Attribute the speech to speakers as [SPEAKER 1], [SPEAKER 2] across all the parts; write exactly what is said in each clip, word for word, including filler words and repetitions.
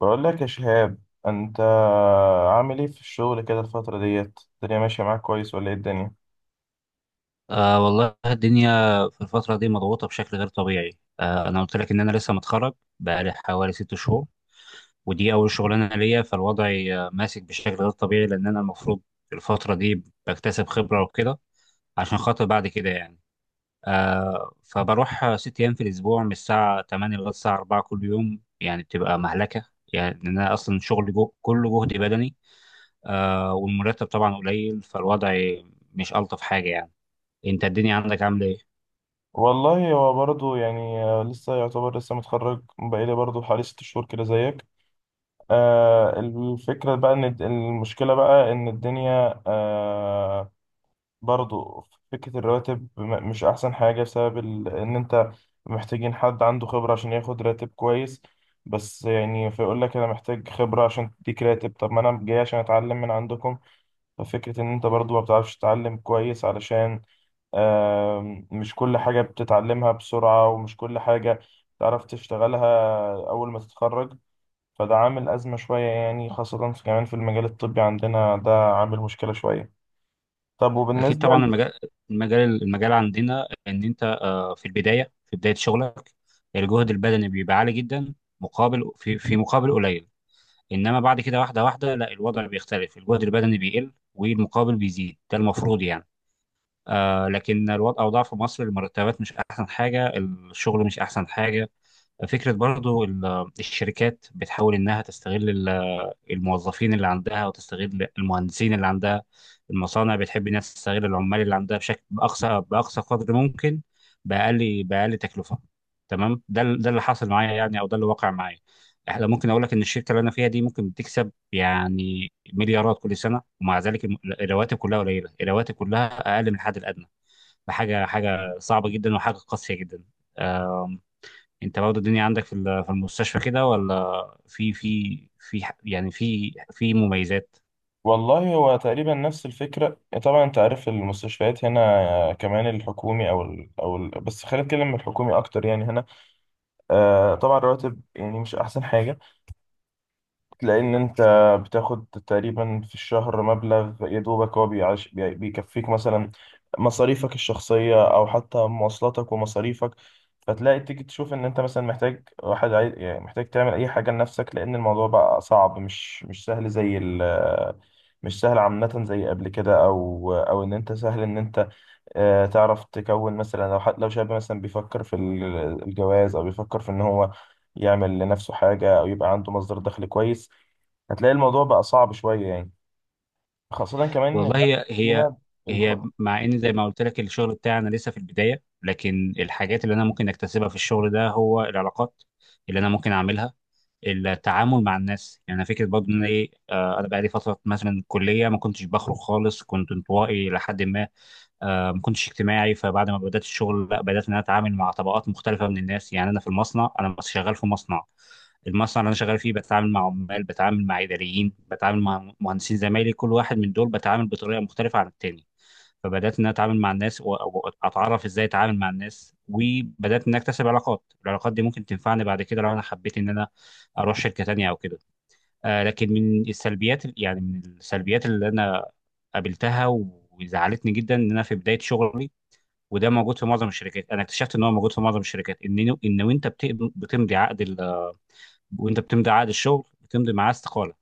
[SPEAKER 1] بقول لك يا شهاب، انت عامل ايه في الشغل كده الفترة ديت؟ الدنيا ماشية معاك كويس ولا ايه الدنيا؟
[SPEAKER 2] آه والله الدنيا في الفترة دي مضغوطة بشكل غير طبيعي. آه أنا قلت لك إن أنا لسه متخرج، بقالي حوالي ست شهور، ودي أول شغلانة ليا، فالوضع آه، ماسك بشكل غير طبيعي، لأن أنا المفروض الفترة دي بكتسب خبرة وكده، عشان خاطر بعد كده يعني. آه فبروح آه، ست أيام في الأسبوع من الساعة تمانية لغاية الساعة اربعة كل يوم، يعني بتبقى مهلكة، يعني لأن أنا أصلا شغلي جو كله جهد بدني. آه والمرتب طبعا قليل، فالوضع مش ألطف حاجة يعني. أنت الدنيا عندك عاملة إيه؟
[SPEAKER 1] والله هو برضه يعني آه، لسه يعتبر لسه متخرج بقالي برضه حوالي ست شهور كده زيك. آه الفكرة بقى ان الد- المشكلة بقى ان الدنيا آه برضه فكرة الرواتب م- مش احسن حاجة بسبب ال... ان انت محتاجين حد عنده خبرة عشان ياخد راتب كويس. بس يعني فيقول لك انا محتاج خبرة عشان تديك راتب، طب ما انا جاي عشان اتعلم من عندكم. ففكرة إن أنت برضو ما بتعرفش تتعلم كويس، علشان آم، مش كل حاجة بتتعلمها بسرعة ومش كل حاجة تعرف تشتغلها أول ما تتخرج. فده عامل أزمة شوية يعني، خاصة في كمان في المجال الطبي عندنا ده عامل مشكلة شوية. طب
[SPEAKER 2] اكيد
[SPEAKER 1] وبالنسبة
[SPEAKER 2] طبعا.
[SPEAKER 1] ل-
[SPEAKER 2] المجال المجال المجال عندنا ان انت آه، في البدايه في بدايه شغلك، الجهد البدني بيبقى عالي جدا، مقابل في في مقابل قليل. انما بعد كده، واحده واحده، لا، الوضع بيختلف، الجهد البدني بيقل والمقابل بيزيد، ده المفروض يعني. آه لكن الوضع اوضاع في مصر، المرتبات مش احسن حاجه، الشغل مش احسن حاجه. فكره برضو ال- الشركات بتحاول انها تستغل الموظفين اللي عندها، وتستغل المهندسين اللي عندها. المصانع بتحب انها تستغل العمال اللي عندها بشكل، باقصى باقصى قدر ممكن، باقل باقل تكلفه. تمام، ده ال- ده اللي حصل معايا يعني، او ده اللي وقع معايا. احنا ممكن اقول لك ان الشركه اللي انا فيها دي ممكن بتكسب يعني مليارات كل سنه، ومع ذلك الم- الرواتب كلها قليله، الرواتب كلها اقل من الحد الادنى. فحاجه حاجه صعبه جدا، وحاجه قاسيه جدا. انت برضه الدنيا عندك في ال- في المستشفى كده، ولا في في في ح- يعني في في مميزات؟
[SPEAKER 1] والله هو تقريبا نفس الفكرة. طبعا أنت عارف المستشفيات هنا كمان الحكومي أو ال... أو ال... بس خلينا نتكلم من الحكومي أكتر يعني هنا. آه، طبعا الرواتب يعني مش أحسن حاجة، لأن أنت بتاخد تقريبا في الشهر مبلغ يا دوبك هو بيعيش بي- بيكفيك مثلا مصاريفك الشخصية أو حتى مواصلاتك ومصاريفك. فتلاقي تيجي تشوف إن أنت مثلا محتاج واحد عايز يعني محتاج تعمل أي حاجة لنفسك، لأن الموضوع بقى صعب، مش مش سهل زي ال مش سهل عامة زي قبل كده. أو أو إن أنت سهل إن أنت آه، تعرف تكون مثلا لو حد لو شاب مثلا بيفكر في ال- الجواز أو بيفكر في إن هو يعمل لنفسه حاجة أو يبقى عنده مصدر دخل كويس، هتلاقي الموضوع بقى صعب شوية يعني. خاصة كمان إن
[SPEAKER 2] والله،
[SPEAKER 1] الأكل
[SPEAKER 2] هي هي
[SPEAKER 1] هنا ال-
[SPEAKER 2] هي مع ان زي ما قلت لك الشغل بتاعنا لسه في البدايه، لكن الحاجات اللي انا ممكن اكتسبها في الشغل ده هو العلاقات اللي انا ممكن اعملها، التعامل مع الناس. يعني انا فكره برضه ان انا ايه آه، انا بقالي فتره مثلا كليه ما كنتش بخرج خالص، كنت انطوائي لحد ما، آه، ما كنتش اجتماعي. فبعد ما بدات الشغل، لا، بدات ان انا اتعامل مع طبقات مختلفه من الناس. يعني انا في المصنع، انا شغال في مصنع، المصنع اللي انا شغال فيه بتعامل مع عمال، بتعامل مع اداريين، بتعامل مع مهندسين زمايلي، كل واحد من دول بتعامل بطريقه مختلفه عن التاني. فبدات ان أنا اتعامل مع الناس، واتعرف ازاي اتعامل مع الناس، وبدات ان اكتسب علاقات. العلاقات دي ممكن تنفعني بعد كده لو انا حبيت ان انا اروح شركه تانية او كده. آه لكن من السلبيات، يعني من السلبيات اللي انا قابلتها، وزعلتني جدا ان انا في بدايه شغلي، وده موجود في معظم الشركات، انا اكتشفت ان هو موجود في معظم الشركات، ان ان وانت بت- بتمضي عقد ال وانت بتمضي عقد الشغل بتمضي معاه استقاله،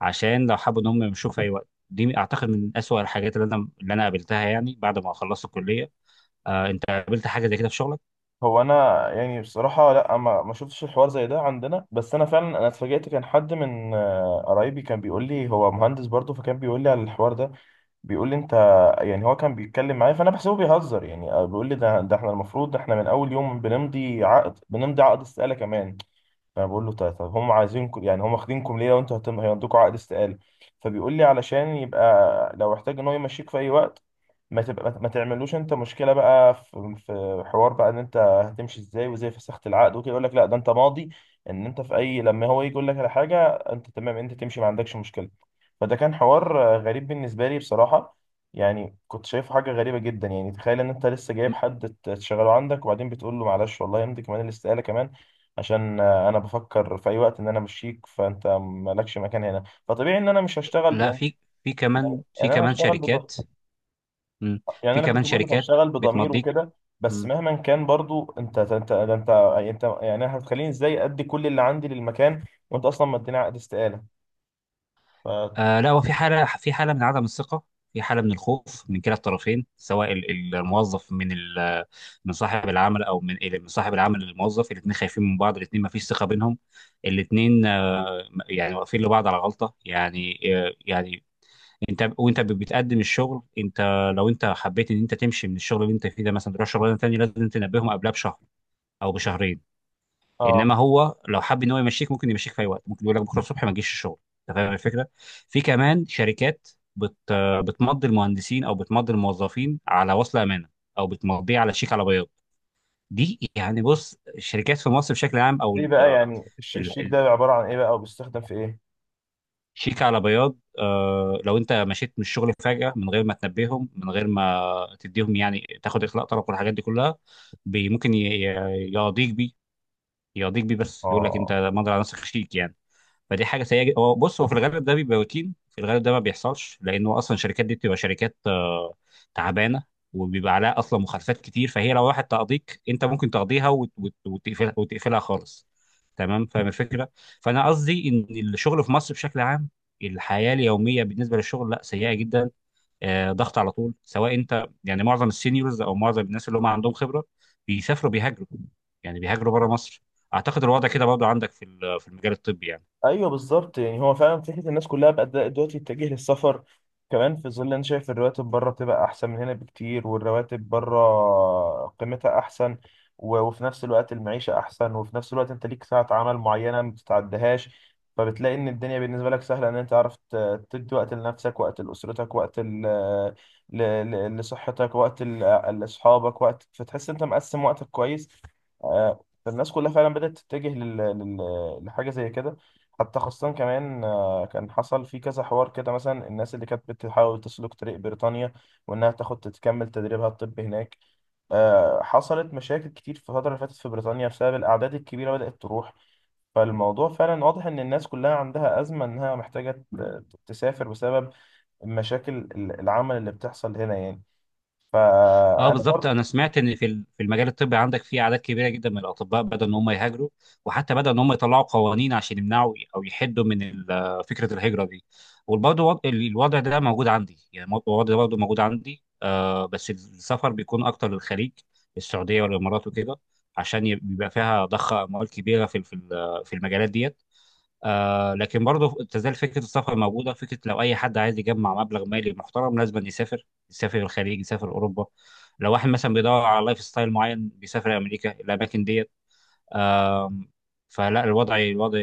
[SPEAKER 2] عشان لو حابب ان هم يمشوه في اي وقت. دي اعتقد من اسوأ الحاجات اللي انا اللي انا قابلتها يعني بعد ما خلصت الكليه. آه انت قابلت حاجه زي كده في شغلك؟
[SPEAKER 1] هو أنا يعني بصراحة لأ، ما ما شفتش الحوار زي ده عندنا، بس أنا فعلا أنا اتفاجأت. كان حد من آه، قرايبي كان بيقول لي، هو مهندس برضه، فكان بيقول لي على الحوار ده، بيقول لي أنت يعني. هو كان بيتكلم معايا فأنا بحسبه بيهزر يعني. آه، بيقول لي ده ده إحنا المفروض إحنا من أول يوم بنمضي عقد، بنمضي عقد استقالة كمان. فأنا بقول له طيب طب هم عايزينكم يعني هم واخدينكم ليه لو أنتوا هتم- هيمضوكوا عقد استقالة؟ فبيقول لي علشان يبقى لو احتاج إن هو يمشيك في أي وقت، ما تبقى ما تعملوش انت مشكله بقى في في حوار بقى ان انت هتمشي ازاي وازاي فسخت العقد وكده. يقول لك لا، ده انت ماضي ان انت في اي لما هو يجي يقول لك على حاجه انت تمام، انت تمشي ما عندكش مشكله. فده كان حوار آه، غريب بالنسبه لي بصراحه، يعني كنت شايفه حاجه غريبه جدا. يعني تخيل ان انت لسه جايب
[SPEAKER 2] م-
[SPEAKER 1] حد ت- تشغله عندك وبعدين بتقول له معلش والله يمضي كمان الاستقاله كمان، عشان آه، انا بفكر في اي وقت ان انا امشيك، فانت مالكش مكان هنا. فطبيعي ان انا مش هشتغل
[SPEAKER 2] لا،
[SPEAKER 1] يعني.
[SPEAKER 2] في في كمان في
[SPEAKER 1] ان انا
[SPEAKER 2] كمان
[SPEAKER 1] هشتغل
[SPEAKER 2] شركات. م.
[SPEAKER 1] يعني
[SPEAKER 2] في
[SPEAKER 1] انا
[SPEAKER 2] كمان
[SPEAKER 1] كنت بقول لك
[SPEAKER 2] شركات
[SPEAKER 1] هشتغل بضمير
[SPEAKER 2] بتمضيك.
[SPEAKER 1] وكده، بس
[SPEAKER 2] م.
[SPEAKER 1] مهما كان برضو انت انت ده انت انت يعني أنا هتخليني ازاي ادي كل اللي عندي للمكان وانت اصلا مديني عقد استقاله؟ ف
[SPEAKER 2] آه لا، هو في حاله في حاله من عدم الثقه، في حاله من الخوف من كلا الطرفين، سواء ال- ال- الموظف من ال- من صاحب العمل، او من من صاحب العمل للموظف. الاثنين خايفين من بعض، الاثنين ما فيش ثقه بينهم، الاثنين يعني واقفين لبعض على غلطه يعني يعني انت، وانت بتقدم الشغل، انت لو انت حبيت ان انت تمشي من الشغل اللي انت فيه ده مثلا تروح شغلانه تانيه، لازم تنبههم قبلها بشهر او بشهرين.
[SPEAKER 1] اه،
[SPEAKER 2] انما هو لو حب ان هو يمشيك، ممكن يمشيك في اي وقت، ممكن يقول لك بكره الصبح ما تجيش الشغل. انت فاهم الفكره؟ في كمان شركات بت بتمضي المهندسين، او بتمضي الموظفين على وصل امانه، او بتمضيه على شيك على بياض. دي يعني، بص، الشركات في مصر بشكل عام، او
[SPEAKER 1] ايه بقى يعني الش- الشيك ده عباره عن ايه بقى وبيستخدم في ايه؟
[SPEAKER 2] شيك على بياض، آه لو انت مشيت من الشغل فجأة من غير ما تنبههم، من غير ما تديهم يعني تاخد اخلاء طلب والحاجات دي كلها، بي ممكن ي- ي- يقاضيك بيه يقاضيك بيه. بس يقول لك انت
[SPEAKER 1] اه،
[SPEAKER 2] مضي على نفسك شيك يعني. فدي حاجه سيئه جدا. هو بص، هو في الغالب ده بيبقى روتين، في الغالب ده ما بيحصلش، لانه اصلا الشركات دي بتبقى شركات آه، تعبانه، وبيبقى عليها اصلا مخالفات كتير، فهي لو راحت تقضيك، انت ممكن تقضيها، وت- وت- وتقفلها وتقفلها خالص. تمام؟ فاهم الفكره؟ فانا قصدي ان الشغل في مصر بشكل عام، الحياه اليوميه بالنسبه للشغل، لا، سيئه جدا، آه، ضغط على طول. سواء انت يعني معظم السينيورز او معظم الناس اللي هم عندهم خبره بيسافروا، بيهاجروا، يعني بيهاجروا بره مصر. اعتقد الوضع كده برضه عندك في ال- في المجال الطبي يعني.
[SPEAKER 1] ايوه بالظبط يعني هو فعلا فكره الناس كلها بقت دلوقتي تتجه للسفر، كمان في ظل انا شايف الرواتب بره بتبقى احسن من هنا بكتير، والرواتب بره قيمتها احسن. و- وفي نفس الوقت المعيشه احسن، وفي نفس الوقت انت ليك ساعه عمل معينه ما بتتعدهاش. فبتلاقي ان الدنيا بالنسبه لك سهله، ان انت عرفت تدي وقت لنفسك، وقت لاسرتك، وقت ل... ل... ل... لصحتك، وقت ل... لاصحابك وقت، فتحس انت مقسم وقتك كويس. آه، فالناس كلها فعلا بدات تتجه لل... لل... لحاجه زي كده. حتى خاصة كمان، آه، كان حصل في كذا حوار كده، مثلا الناس اللي كانت بتحاول تسلك طريق بريطانيا وإنها تاخد تكمل تدريبها الطبي هناك، آه، حصلت مشاكل كتير في الفترة اللي فاتت في بريطانيا بسبب الأعداد الكبيرة بدأت تروح. فالموضوع فعلا واضح إن الناس كلها عندها أزمة إنها محتاجة ت- تسافر بسبب مشاكل ال- العمل اللي بتحصل هنا يعني.
[SPEAKER 2] اه
[SPEAKER 1] فأنا
[SPEAKER 2] بالظبط، انا سمعت ان في ال- في المجال الطبي عندك، في اعداد كبيره جدا من الاطباء بدأوا ان هم يهاجروا، وحتى بدأوا ان هم يطلعوا قوانين عشان يمنعوا او يحدوا من ال- فكره الهجره دي. وبرضه وض- ال- الوضع ده موجود عندي يعني، مو- الوضع ده برضه موجود عندي، آه بس السفر بيكون اكتر للخليج، السعوديه والامارات وكده، عشان يب- بيبقى فيها ضخ اموال كبيره في ال- في ال- في المجالات ديت. آه لكن برضه تزال فكره السفر موجوده. فكره لو اي حد عايز يجمع مبلغ مالي محترم لازم يسافر، يسافر الخليج، يسافر اوروبا. لو واحد مثلا بيدور على لايف ستايل معين، بيسافر امريكا، الاماكن ديت. آم، فلا الوضع الوضع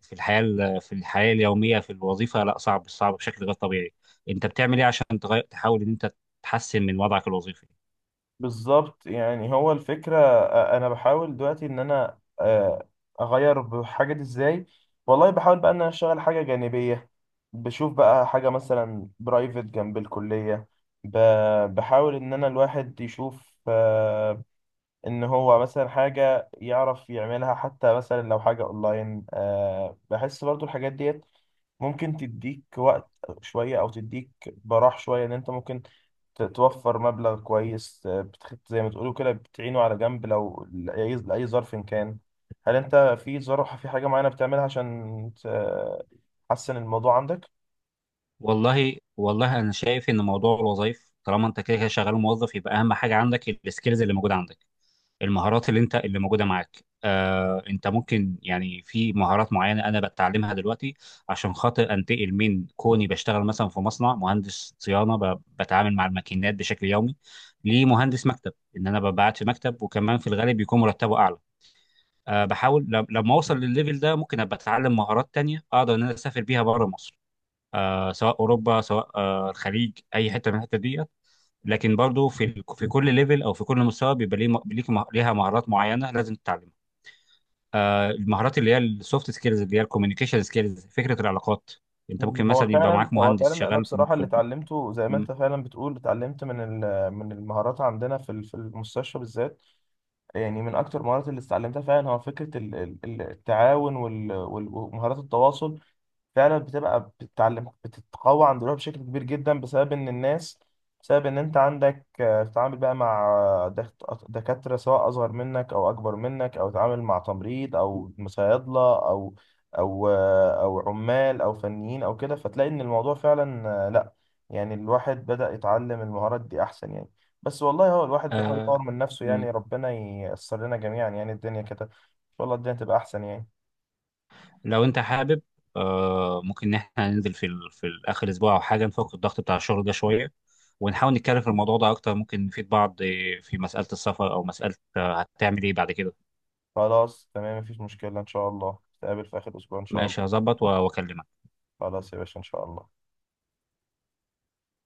[SPEAKER 2] في الحياه في الحياه اليوميه في الوظيفه، لا، صعب صعب بشكل غير طبيعي. انت بتعمل ايه عشان تغير، تحاول ان انت تحسن من وضعك الوظيفي؟
[SPEAKER 1] بالظبط يعني هو الفكرة، آه، أنا بحاول دلوقتي إن أنا آه، أغير بحاجة دي. إزاي؟ والله بحاول بقى إن أنا أشتغل حاجة جانبية، بشوف بقى حاجة مثلا برايفت جنب الكلية. ب- بحاول إن أنا الواحد يشوف آه، إن هو مثلا حاجة يعرف يعملها، حتى مثلا لو حاجة أونلاين. آه، بحس برضو الحاجات ديت ممكن تديك وقت شوية أو تديك براح شوية إن أنت ممكن ت- توفر مبلغ كويس، ت- بتخ- زي ما تقولوا كده بتعينه على جنب لو لأي لأي ظرف إن كان. هل أنت في ظرف في حاجة معينة بتعملها عشان ت- تحسن الموضوع عندك؟
[SPEAKER 2] والله والله انا شايف ان موضوع الوظائف، طالما انت كده كده شغال موظف، يبقى اهم حاجه عندك السكيلز اللي موجوده عندك، المهارات اللي انت اللي موجوده معاك. آه، انت ممكن يعني في مهارات معينه انا بتعلمها دلوقتي، عشان خاطر انتقل من كوني بشتغل مثلا في مصنع مهندس صيانه، ب- بتعامل مع الماكينات بشكل يومي، لمهندس مكتب، ان انا ببعت في مكتب، وكمان في الغالب بيكون مرتبه اعلى. آه، بحاول لم- لما اوصل للليفل ده، ممكن ابقى اتعلم مهارات تانية اقدر ان انا اسافر بيها بره مصر، آه سواء اوروبا، سواء آه الخليج، اي حته من الحته دي. لكن برضو في ال- في كل ليفل او في كل مستوى بيبقى ليه م- ليك مه- ليها مهارات معينه لازم تتعلمها. آه، المهارات اللي هي السوفت سكيلز، اللي هي الكوميونيكيشن سكيلز، فكره العلاقات. انت
[SPEAKER 1] مم.
[SPEAKER 2] ممكن
[SPEAKER 1] هو
[SPEAKER 2] مثلا يبقى
[SPEAKER 1] فعلا
[SPEAKER 2] معاك
[SPEAKER 1] هو
[SPEAKER 2] مهندس
[SPEAKER 1] فعلا أنا
[SPEAKER 2] شغال في ال-
[SPEAKER 1] بصراحة
[SPEAKER 2] في
[SPEAKER 1] اللي
[SPEAKER 2] ال-
[SPEAKER 1] اتعلمته زي ما
[SPEAKER 2] م-
[SPEAKER 1] أنت فعلا بتقول، اتعلمت من ال- من المهارات عندنا في ال- في المستشفى بالذات. يعني من أكتر المهارات اللي اتعلمتها فعلا هو فكرة ال- ال- التعاون وال- وال- ومهارات التواصل. فعلا بتبقى بتتعلم بتتقوى عند روحها بشكل كبير جدا بسبب ان الناس بسبب ان انت عندك، آه، بتتعامل بقى مع آه، دك- دكاترة سواء اصغر منك او اكبر منك، او تتعامل مع تمريض او صيادلة او او آه، او عمال او فنيين او كده. فتلاقي ان الموضوع فعلا آه، لا يعني الواحد بدأ يتعلم المهارات دي احسن يعني. بس والله هو الواحد بيحاول يطور
[SPEAKER 2] آه
[SPEAKER 1] من نفسه
[SPEAKER 2] م-
[SPEAKER 1] يعني. ربنا ييسر لنا جميعا يعني. الدنيا كده ان شاء الله الدنيا تبقى احسن يعني.
[SPEAKER 2] لو انت حابب، آه ممكن ان احنا ننزل في ال- في ال- اخر اسبوع او حاجه، نفك الضغط بتاع الشغل ده شويه، ونحاول نتكلم في الموضوع ده اكتر، ممكن نفيد بعض آه، في مساله السفر، او مساله آه، هتعمل ايه بعد كده.
[SPEAKER 1] خلاص تمام، مفيش مشكلة، إن شاء الله نتقابل في آخر أسبوع إن شاء
[SPEAKER 2] ماشي،
[SPEAKER 1] الله.
[SPEAKER 2] هظبط و- واكلمك.
[SPEAKER 1] خلاص يا باشا، إن شاء الله.